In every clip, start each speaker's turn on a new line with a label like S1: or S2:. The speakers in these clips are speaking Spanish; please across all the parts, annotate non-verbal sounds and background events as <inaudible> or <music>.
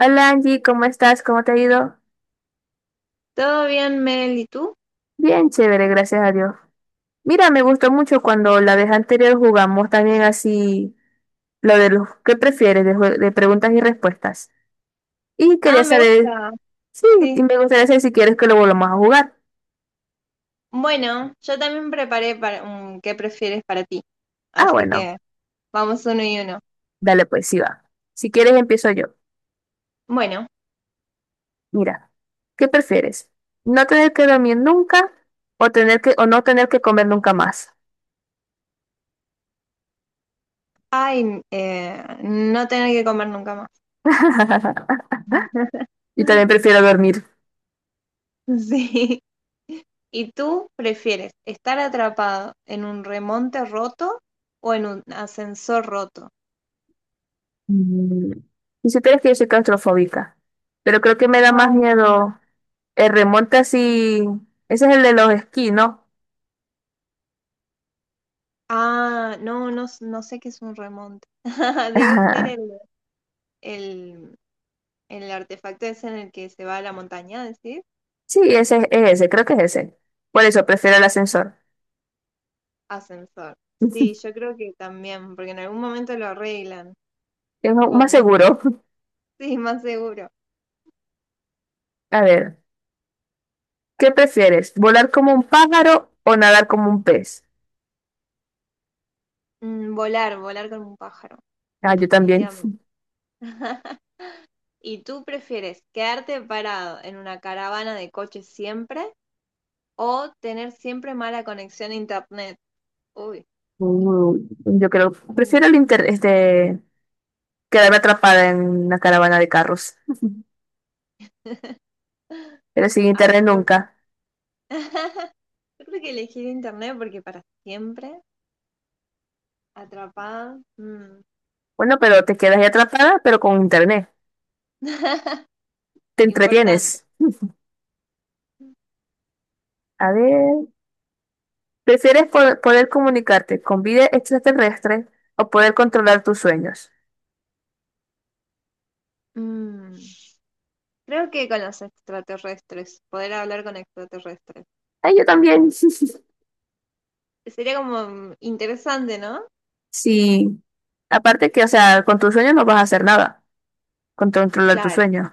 S1: Hola Angie, ¿cómo estás? ¿Cómo te ha ido?
S2: ¿Todo bien, Mel? ¿Y tú?
S1: Bien chévere, gracias a Dios. Mira, me gustó mucho cuando la vez anterior jugamos también así, lo de los que prefieres, de preguntas y respuestas. Y
S2: Ah,
S1: quería
S2: me
S1: saber,
S2: gusta.
S1: sí, y
S2: Sí.
S1: me gustaría saber si quieres que lo volvamos a jugar.
S2: Bueno, yo también preparé para un ¿qué prefieres para ti?
S1: Ah,
S2: Así
S1: bueno,
S2: que vamos uno y uno.
S1: dale pues, sí va. Si quieres empiezo yo.
S2: Bueno,
S1: Mira, ¿qué prefieres? ¿No tener que dormir nunca o no tener que comer nunca más?
S2: ay, no tener que comer nunca más.
S1: <laughs> Yo también
S2: <laughs>
S1: prefiero dormir.
S2: Sí. ¿Y tú prefieres estar atrapado en un remonte roto o en un ascensor roto?
S1: Mm, Y si tienes que yo soy claustrofóbica, pero creo que me da más
S2: Ay, no.
S1: miedo el remonte así. Ese es el de los esquí, ¿no?
S2: Ah, no, no, no sé qué es un remonte. <laughs>
S1: <laughs>
S2: Debe ser
S1: Ajá.
S2: el, el, el artefacto ese en el que se va a la montaña, ¿decís?
S1: Sí, ese es ese, creo que es ese. Por eso prefiero el ascensor.
S2: Ascensor. Sí, yo
S1: <laughs>
S2: creo que también, porque en algún momento lo arreglan,
S1: Es más
S2: supongo. <laughs>
S1: seguro.
S2: Sí, más seguro.
S1: <laughs> A ver, ¿qué prefieres? ¿Volar como un pájaro o nadar como un pez?
S2: Mm, volar, volar con un pájaro,
S1: Ah, yo también.
S2: definitivamente.
S1: <laughs>
S2: <laughs> ¿Y tú prefieres quedarte parado en una caravana de coches siempre o tener siempre mala conexión a internet? Uy,
S1: Uh, yo creo,
S2: mm.
S1: prefiero quedarme atrapada en una caravana de carros. <laughs>
S2: <laughs>
S1: Pero sin
S2: Ah,
S1: internet nunca.
S2: <laughs> yo creo que elegir internet porque para siempre, atrapada,
S1: Bueno, pero te quedas ahí atrapada, pero con internet. Te
S2: importante.
S1: entretienes. A ver, ¿prefieres poder comunicarte con vida extraterrestre o poder controlar tus sueños?
S2: Mm. Creo que con los extraterrestres, poder hablar con extraterrestres.
S1: Ay, yo también. <laughs>
S2: Sería como interesante, ¿no?
S1: Sí. Aparte que, o sea, con tus sueños no vas a hacer nada. Con controlar tus
S2: Claro.
S1: sueños.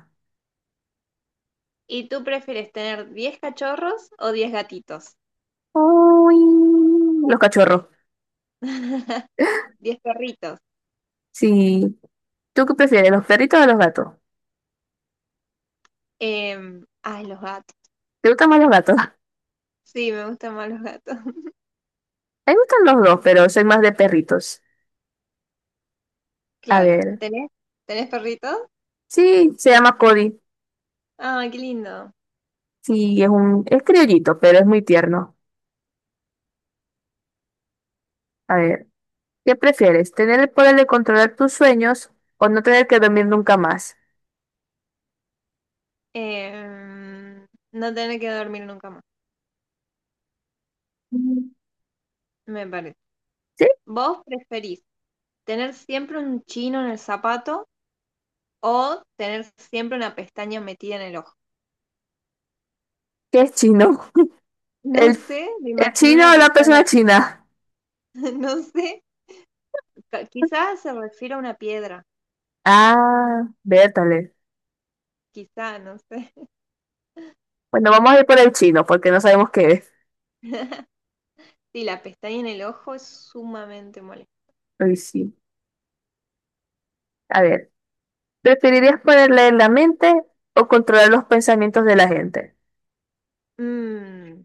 S2: ¿Y tú prefieres tener 10 cachorros o 10 gatitos?
S1: Uy, los cachorros.
S2: <laughs> 10 perritos.
S1: Sí. ¿Tú qué prefieres, los perritos o los gatos?
S2: Ay, los gatos.
S1: ¿Te gustan más los gatos? <laughs>
S2: Sí, me gustan más los gatos. <laughs>
S1: A mí me gustan los dos, pero soy más de perritos. A
S2: Claro.
S1: ver.
S2: ¿Tenés perritos?
S1: Sí, se llama Cody.
S2: Ah, qué lindo.
S1: Sí, es criollito, pero es muy tierno. A ver, ¿qué prefieres? ¿Tener el poder de controlar tus sueños o no tener que dormir nunca más?
S2: Em, no tener que dormir nunca más,
S1: Mm.
S2: me parece.
S1: ¿Sí?
S2: ¿Vos preferís tener siempre un chino en el zapato o tener siempre una pestaña metida en el ojo?
S1: ¿Qué es chino?
S2: No
S1: ¿El,
S2: sé, me
S1: el
S2: imagino
S1: chino
S2: una
S1: o la
S2: persona
S1: persona
S2: que,
S1: china?
S2: <laughs> no sé, quizás se refiere a una piedra,
S1: Ah, vértale.
S2: quizá, no sé. <laughs>
S1: Bueno, vamos a ir por el chino porque no sabemos qué es.
S2: Sí, la pestaña en el ojo es sumamente molesta.
S1: Uy, sí. A ver, ¿preferirías poder leer la mente o controlar los pensamientos de la gente?
S2: Mm,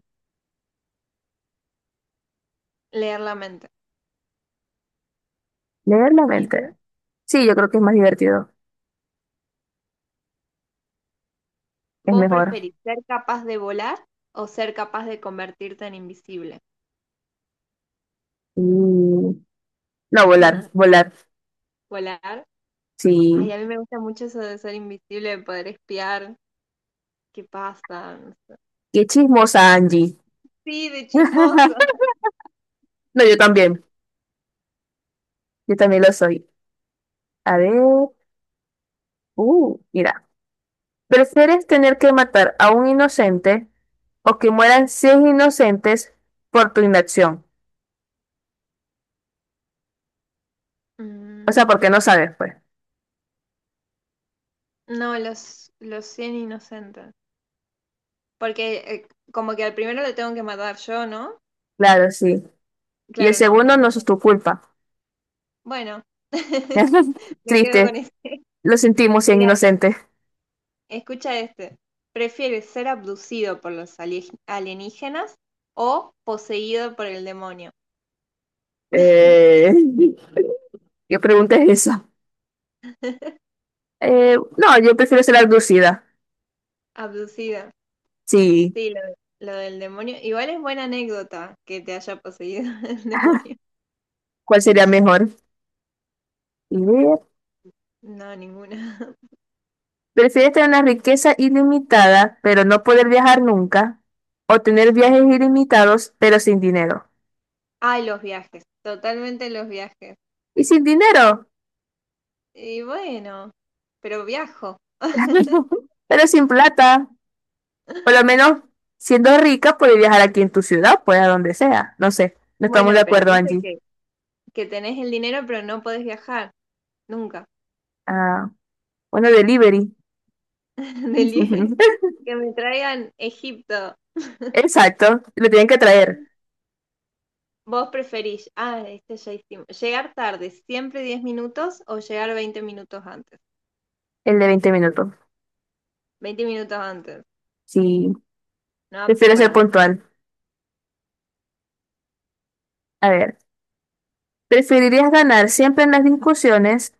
S2: leer la mente.
S1: Leer la
S2: ¿Y tú?
S1: mente. Sí, yo creo que es más divertido. Es
S2: ¿Vos
S1: mejor.
S2: preferís ser capaz de volar o ser capaz de convertirte en invisible?
S1: Mm, no, volar, volar.
S2: ¿Volar? Ay, a
S1: Sí.
S2: mí me gusta mucho eso de ser invisible, de poder espiar qué pasa. No sé.
S1: Qué chismosa, Angie.
S2: Sí, de
S1: <laughs>
S2: chismoso.
S1: No, yo también. Yo también lo soy. A ver. Mira. ¿Prefieres tener que matar a un inocente o que mueran 100 inocentes por tu inacción? O sea,
S2: Mm,
S1: porque no sabes, pues.
S2: no, los 100 inocentes. Porque como que al primero lo tengo que matar yo, ¿no?
S1: Claro, sí. Y el
S2: Claro, no,
S1: segundo
S2: no,
S1: no
S2: no.
S1: es tu culpa.
S2: Bueno, <laughs>
S1: <laughs>
S2: me quedo con
S1: Triste.
S2: eso.
S1: Lo sentimos, 100
S2: Mira,
S1: inocentes.
S2: escucha este. ¿Prefieres ser abducido por los alienígenas o poseído por el demonio?
S1: Eh, <laughs> ¿Qué pregunta es esa? No, yo prefiero ser abducida.
S2: Abducido.
S1: Sí.
S2: Sí, lo del demonio. Igual es buena anécdota que te haya poseído <laughs> el demonio.
S1: ¿Cuál sería mejor? Idea.
S2: No, ninguna. <laughs>
S1: ¿Prefieres tener una riqueza ilimitada, pero no poder viajar nunca? ¿O tener
S2: Mm.
S1: viajes ilimitados, pero sin dinero?
S2: Ay, los viajes. Totalmente los viajes.
S1: ¿Y sin dinero?
S2: Y bueno, pero viajo.
S1: <laughs> Pero sin plata. Por lo
S2: <laughs>
S1: menos, siendo rica, puedes viajar aquí en tu ciudad, pues a donde sea. No sé, no estamos de
S2: Bueno, pero
S1: acuerdo,
S2: dice
S1: Angie.
S2: que tenés el dinero pero no podés viajar, nunca.
S1: Ah, bueno, delivery.
S2: <laughs> Del die-
S1: <laughs>
S2: que me traigan Egipto.
S1: Exacto, lo tienen que traer,
S2: ¿Vos preferís, este ya hicimos, llegar tarde, siempre 10 minutos o llegar 20 minutos antes?
S1: el de 20 minutos.
S2: 20 minutos antes,
S1: Sí,
S2: no apto
S1: prefiero ser
S2: para ansioso.
S1: puntual. A ver, ¿preferirías ganar siempre en las discusiones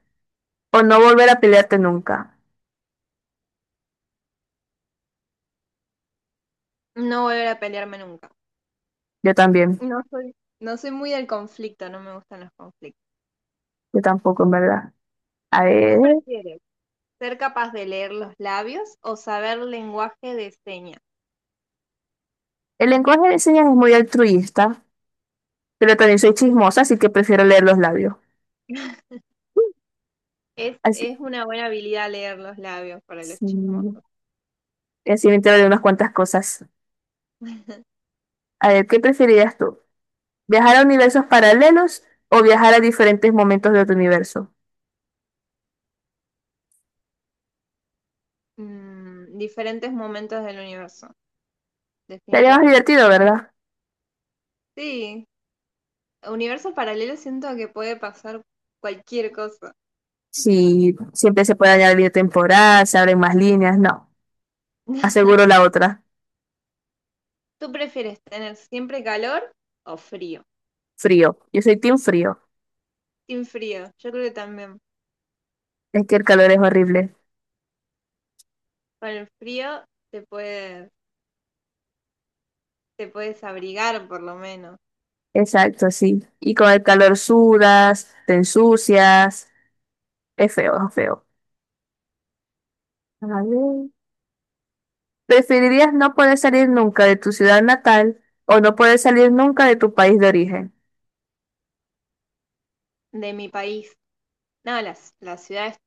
S1: o no volver a pelearte nunca?
S2: No volver a pelearme nunca.
S1: Yo también,
S2: No soy, no soy muy del conflicto, no me gustan los conflictos.
S1: yo tampoco, en verdad. A
S2: ¿Tú
S1: ver,
S2: prefieres ser capaz de leer los labios o saber lenguaje de señas?
S1: el lenguaje de señas es muy altruista, pero también soy chismosa, así que prefiero leer los labios.
S2: Es,
S1: Así,
S2: es una buena habilidad leer los labios para los
S1: sí.
S2: chismos.
S1: Y así me entero de unas cuantas cosas. A ver, ¿qué preferirías tú? ¿Viajar a universos paralelos o viajar a diferentes momentos de tu universo?
S2: Diferentes momentos del universo,
S1: Sería más
S2: definitivamente.
S1: divertido, ¿verdad?
S2: Sí, universo paralelo siento que puede pasar cualquier cosa.
S1: Si siempre se puede añadir temporada se abren más líneas, no.
S2: <laughs>
S1: Aseguro la otra.
S2: ¿Tú prefieres tener siempre calor o frío?
S1: Frío. Yo soy team frío.
S2: Sin frío, yo creo que también.
S1: Es que el calor es horrible.
S2: Con el frío te puedes, te puedes abrigar por lo menos.
S1: Exacto, sí. Y con el calor sudas, te ensucias. Es feo, es feo. A ver. ¿Preferirías no poder salir nunca de tu ciudad natal o no poder salir nunca de tu país de origen?
S2: De mi país. No, la ciudad es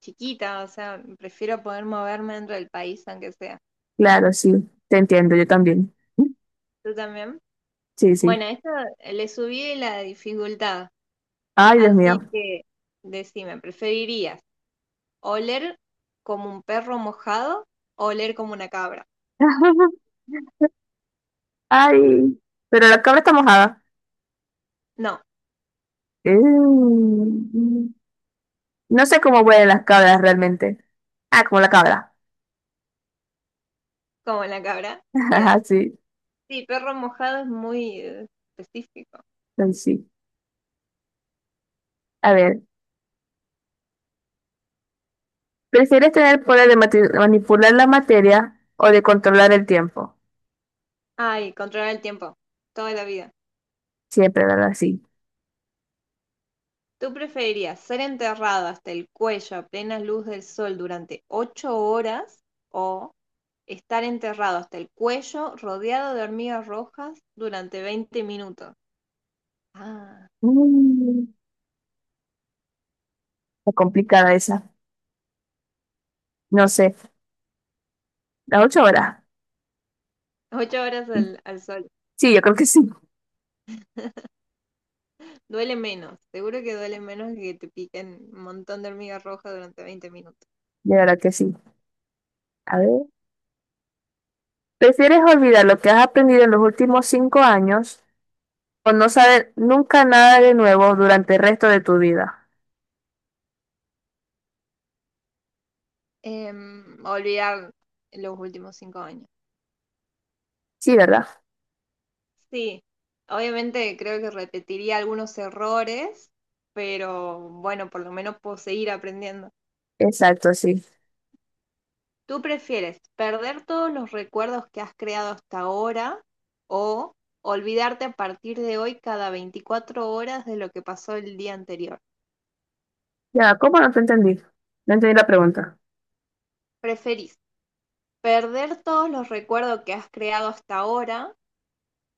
S2: chiquita, o sea, prefiero poder moverme dentro del país aunque sea.
S1: Claro, sí, te entiendo, yo también.
S2: ¿Tú también?
S1: Sí, sí.
S2: Bueno, esto le subí la dificultad.
S1: Ay, Dios mío.
S2: Así que decime, ¿preferirías oler como un perro mojado o oler como una cabra?
S1: <laughs>
S2: <laughs>
S1: Ay, pero la cabra está mojada.
S2: No,
S1: Eh, No sé cómo huelen las cabras realmente. Ah, como la cabra.
S2: como la cabra.
S1: <laughs> Ajá,
S2: Bien.
S1: sí,
S2: Sí, perro mojado es muy específico.
S1: ay, sí. A ver. ¿Prefieres tener el poder de manipular la materia o de controlar el tiempo?
S2: Ay, controlar el tiempo. Toda la vida.
S1: Siempre, ¿verdad? Sí.
S2: ¿Tú preferirías ser enterrado hasta el cuello a plena luz del sol durante 8 horas o estar enterrado hasta el cuello rodeado de hormigas rojas durante 20 minutos? Ah,
S1: Mm, está complicada esa. No sé. ¿Las 8 horas?
S2: 8 horas al sol.
S1: Sí, yo creo que sí.
S2: Duele menos, seguro que duele menos que te piquen un montón de hormigas rojas durante veinte minutos.
S1: De verdad que sí. A ver. ¿Prefieres olvidar lo que has aprendido en los últimos 5 años o no saber nunca nada de nuevo durante el resto de tu vida?
S2: Olvidar los últimos 5 años.
S1: Sí, ¿verdad?
S2: Sí, obviamente creo que repetiría algunos errores, pero bueno, por lo menos puedo seguir aprendiendo.
S1: Exacto, sí.
S2: ¿Tú prefieres perder todos los recuerdos que has creado hasta ahora o olvidarte a partir de hoy cada 24 horas de lo que pasó el día anterior?
S1: Ya, ¿cómo no te entendí? No entendí la pregunta.
S2: ¿Preferís perder todos los recuerdos que has creado hasta ahora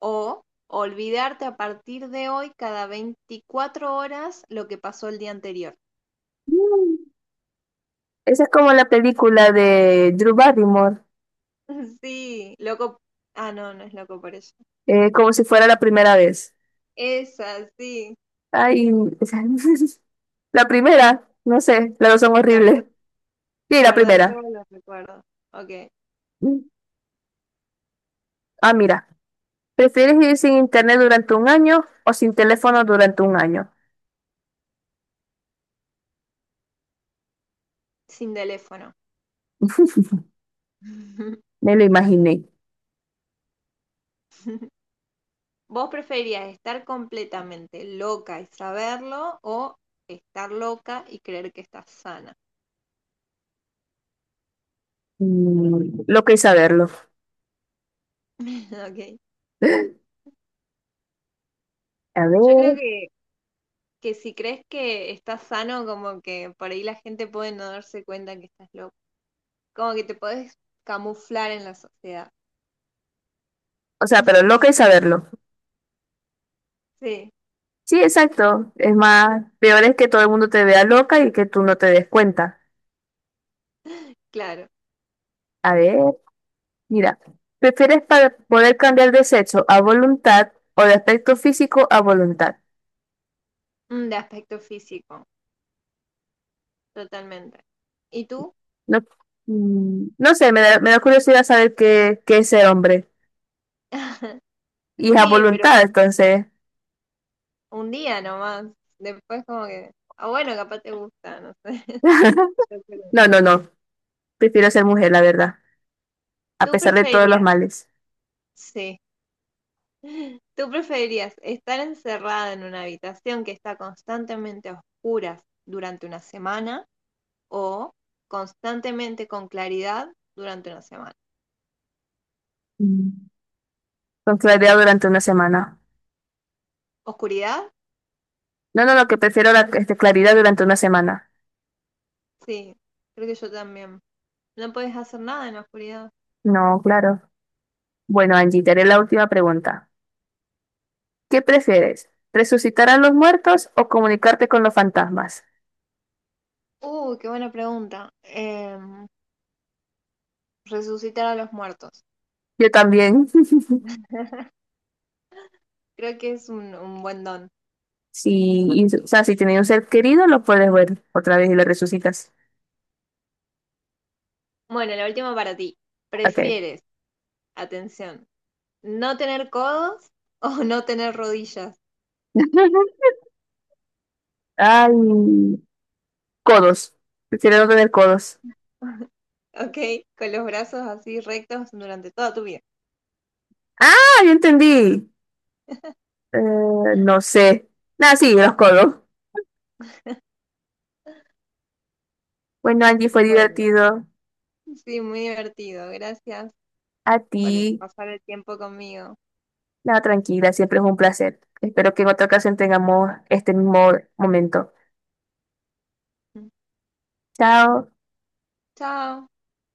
S2: o olvidarte a partir de hoy cada 24 horas lo que pasó el día anterior?
S1: Mm, Esa es como la película de Drew Barrymore.
S2: <laughs> Sí, loco. Ah, no, no es loco por eso.
S1: Como si fuera la primera vez.
S2: Esa, sí.
S1: Ay, <laughs> la primera, no sé, las dos son
S2: Perder,
S1: horribles. Sí, la
S2: perder
S1: primera.
S2: todos los recuerdos. Ok.
S1: Ah, mira, ¿prefieres vivir sin internet durante un año o sin teléfono durante un año?
S2: Sin teléfono.
S1: <laughs>
S2: <laughs>
S1: Me lo imaginé.
S2: ¿Vos preferirías estar completamente loca y saberlo o estar loca y creer que estás sana?
S1: Loco y saberlo. <gasps>
S2: <laughs> Ok.
S1: A ver,
S2: Yo creo
S1: o
S2: que si crees que estás sano, como que por ahí la gente puede no darse cuenta que estás loca. Como que te puedes camuflar en la sociedad.
S1: sea, pero loca y saberlo.
S2: Sí,
S1: Sí, exacto. Es más, peor es que todo el mundo te vea loca y que tú no te des cuenta.
S2: claro.
S1: A ver. Mira, ¿prefieres para poder cambiar de sexo a voluntad o de aspecto físico a voluntad?
S2: De aspecto físico, totalmente. ¿Y tú?
S1: No, no sé, me da curiosidad saber qué es ser hombre.
S2: <laughs>
S1: Y es a
S2: Sí, pero
S1: voluntad, entonces.
S2: un día nomás. Después como que, ah, bueno, capaz te gusta, no sé. <laughs> Yo
S1: <laughs>
S2: creo.
S1: No, no, no. Prefiero ser mujer, la verdad. A
S2: ¿Tú
S1: pesar de todos los
S2: preferirías?
S1: males.
S2: Sí. <laughs> ¿Tú preferirías estar encerrada en una habitación que está constantemente a oscuras durante una semana o constantemente con claridad durante una semana?
S1: Mm. Con claridad durante una semana.
S2: ¿Oscuridad?
S1: No, no, no, que prefiero la claridad durante una semana.
S2: Sí, creo que yo también. No puedes hacer nada en la oscuridad.
S1: No, claro. Bueno, Angie, te haré la última pregunta. ¿Qué prefieres? ¿Resucitar a los muertos o comunicarte con los fantasmas?
S2: Qué buena pregunta. Resucitar a los muertos.
S1: Yo también. <laughs>
S2: Creo que es un buen don.
S1: Sí, y, o sea, si tienes un ser querido, lo puedes ver otra vez y lo resucitas.
S2: Bueno, la última para ti.
S1: Ok.
S2: ¿Prefieres, atención, no tener codos <laughs> o no tener rodillas?
S1: <laughs> Ay, codos. Prefiero no tener codos.
S2: <laughs> Ok, con los brazos así rectos durante toda tu vida.
S1: Ah, yo entendí. Eh, no sé. Nada, sí, los codos. Bueno, Angie, fue
S2: Bueno,
S1: divertido.
S2: sí, muy divertido. Gracias
S1: A ti.
S2: por pasar el tiempo conmigo.
S1: Nada, tranquila, siempre es un placer. Espero que en otra ocasión tengamos este mismo momento. Chao.
S2: Chao.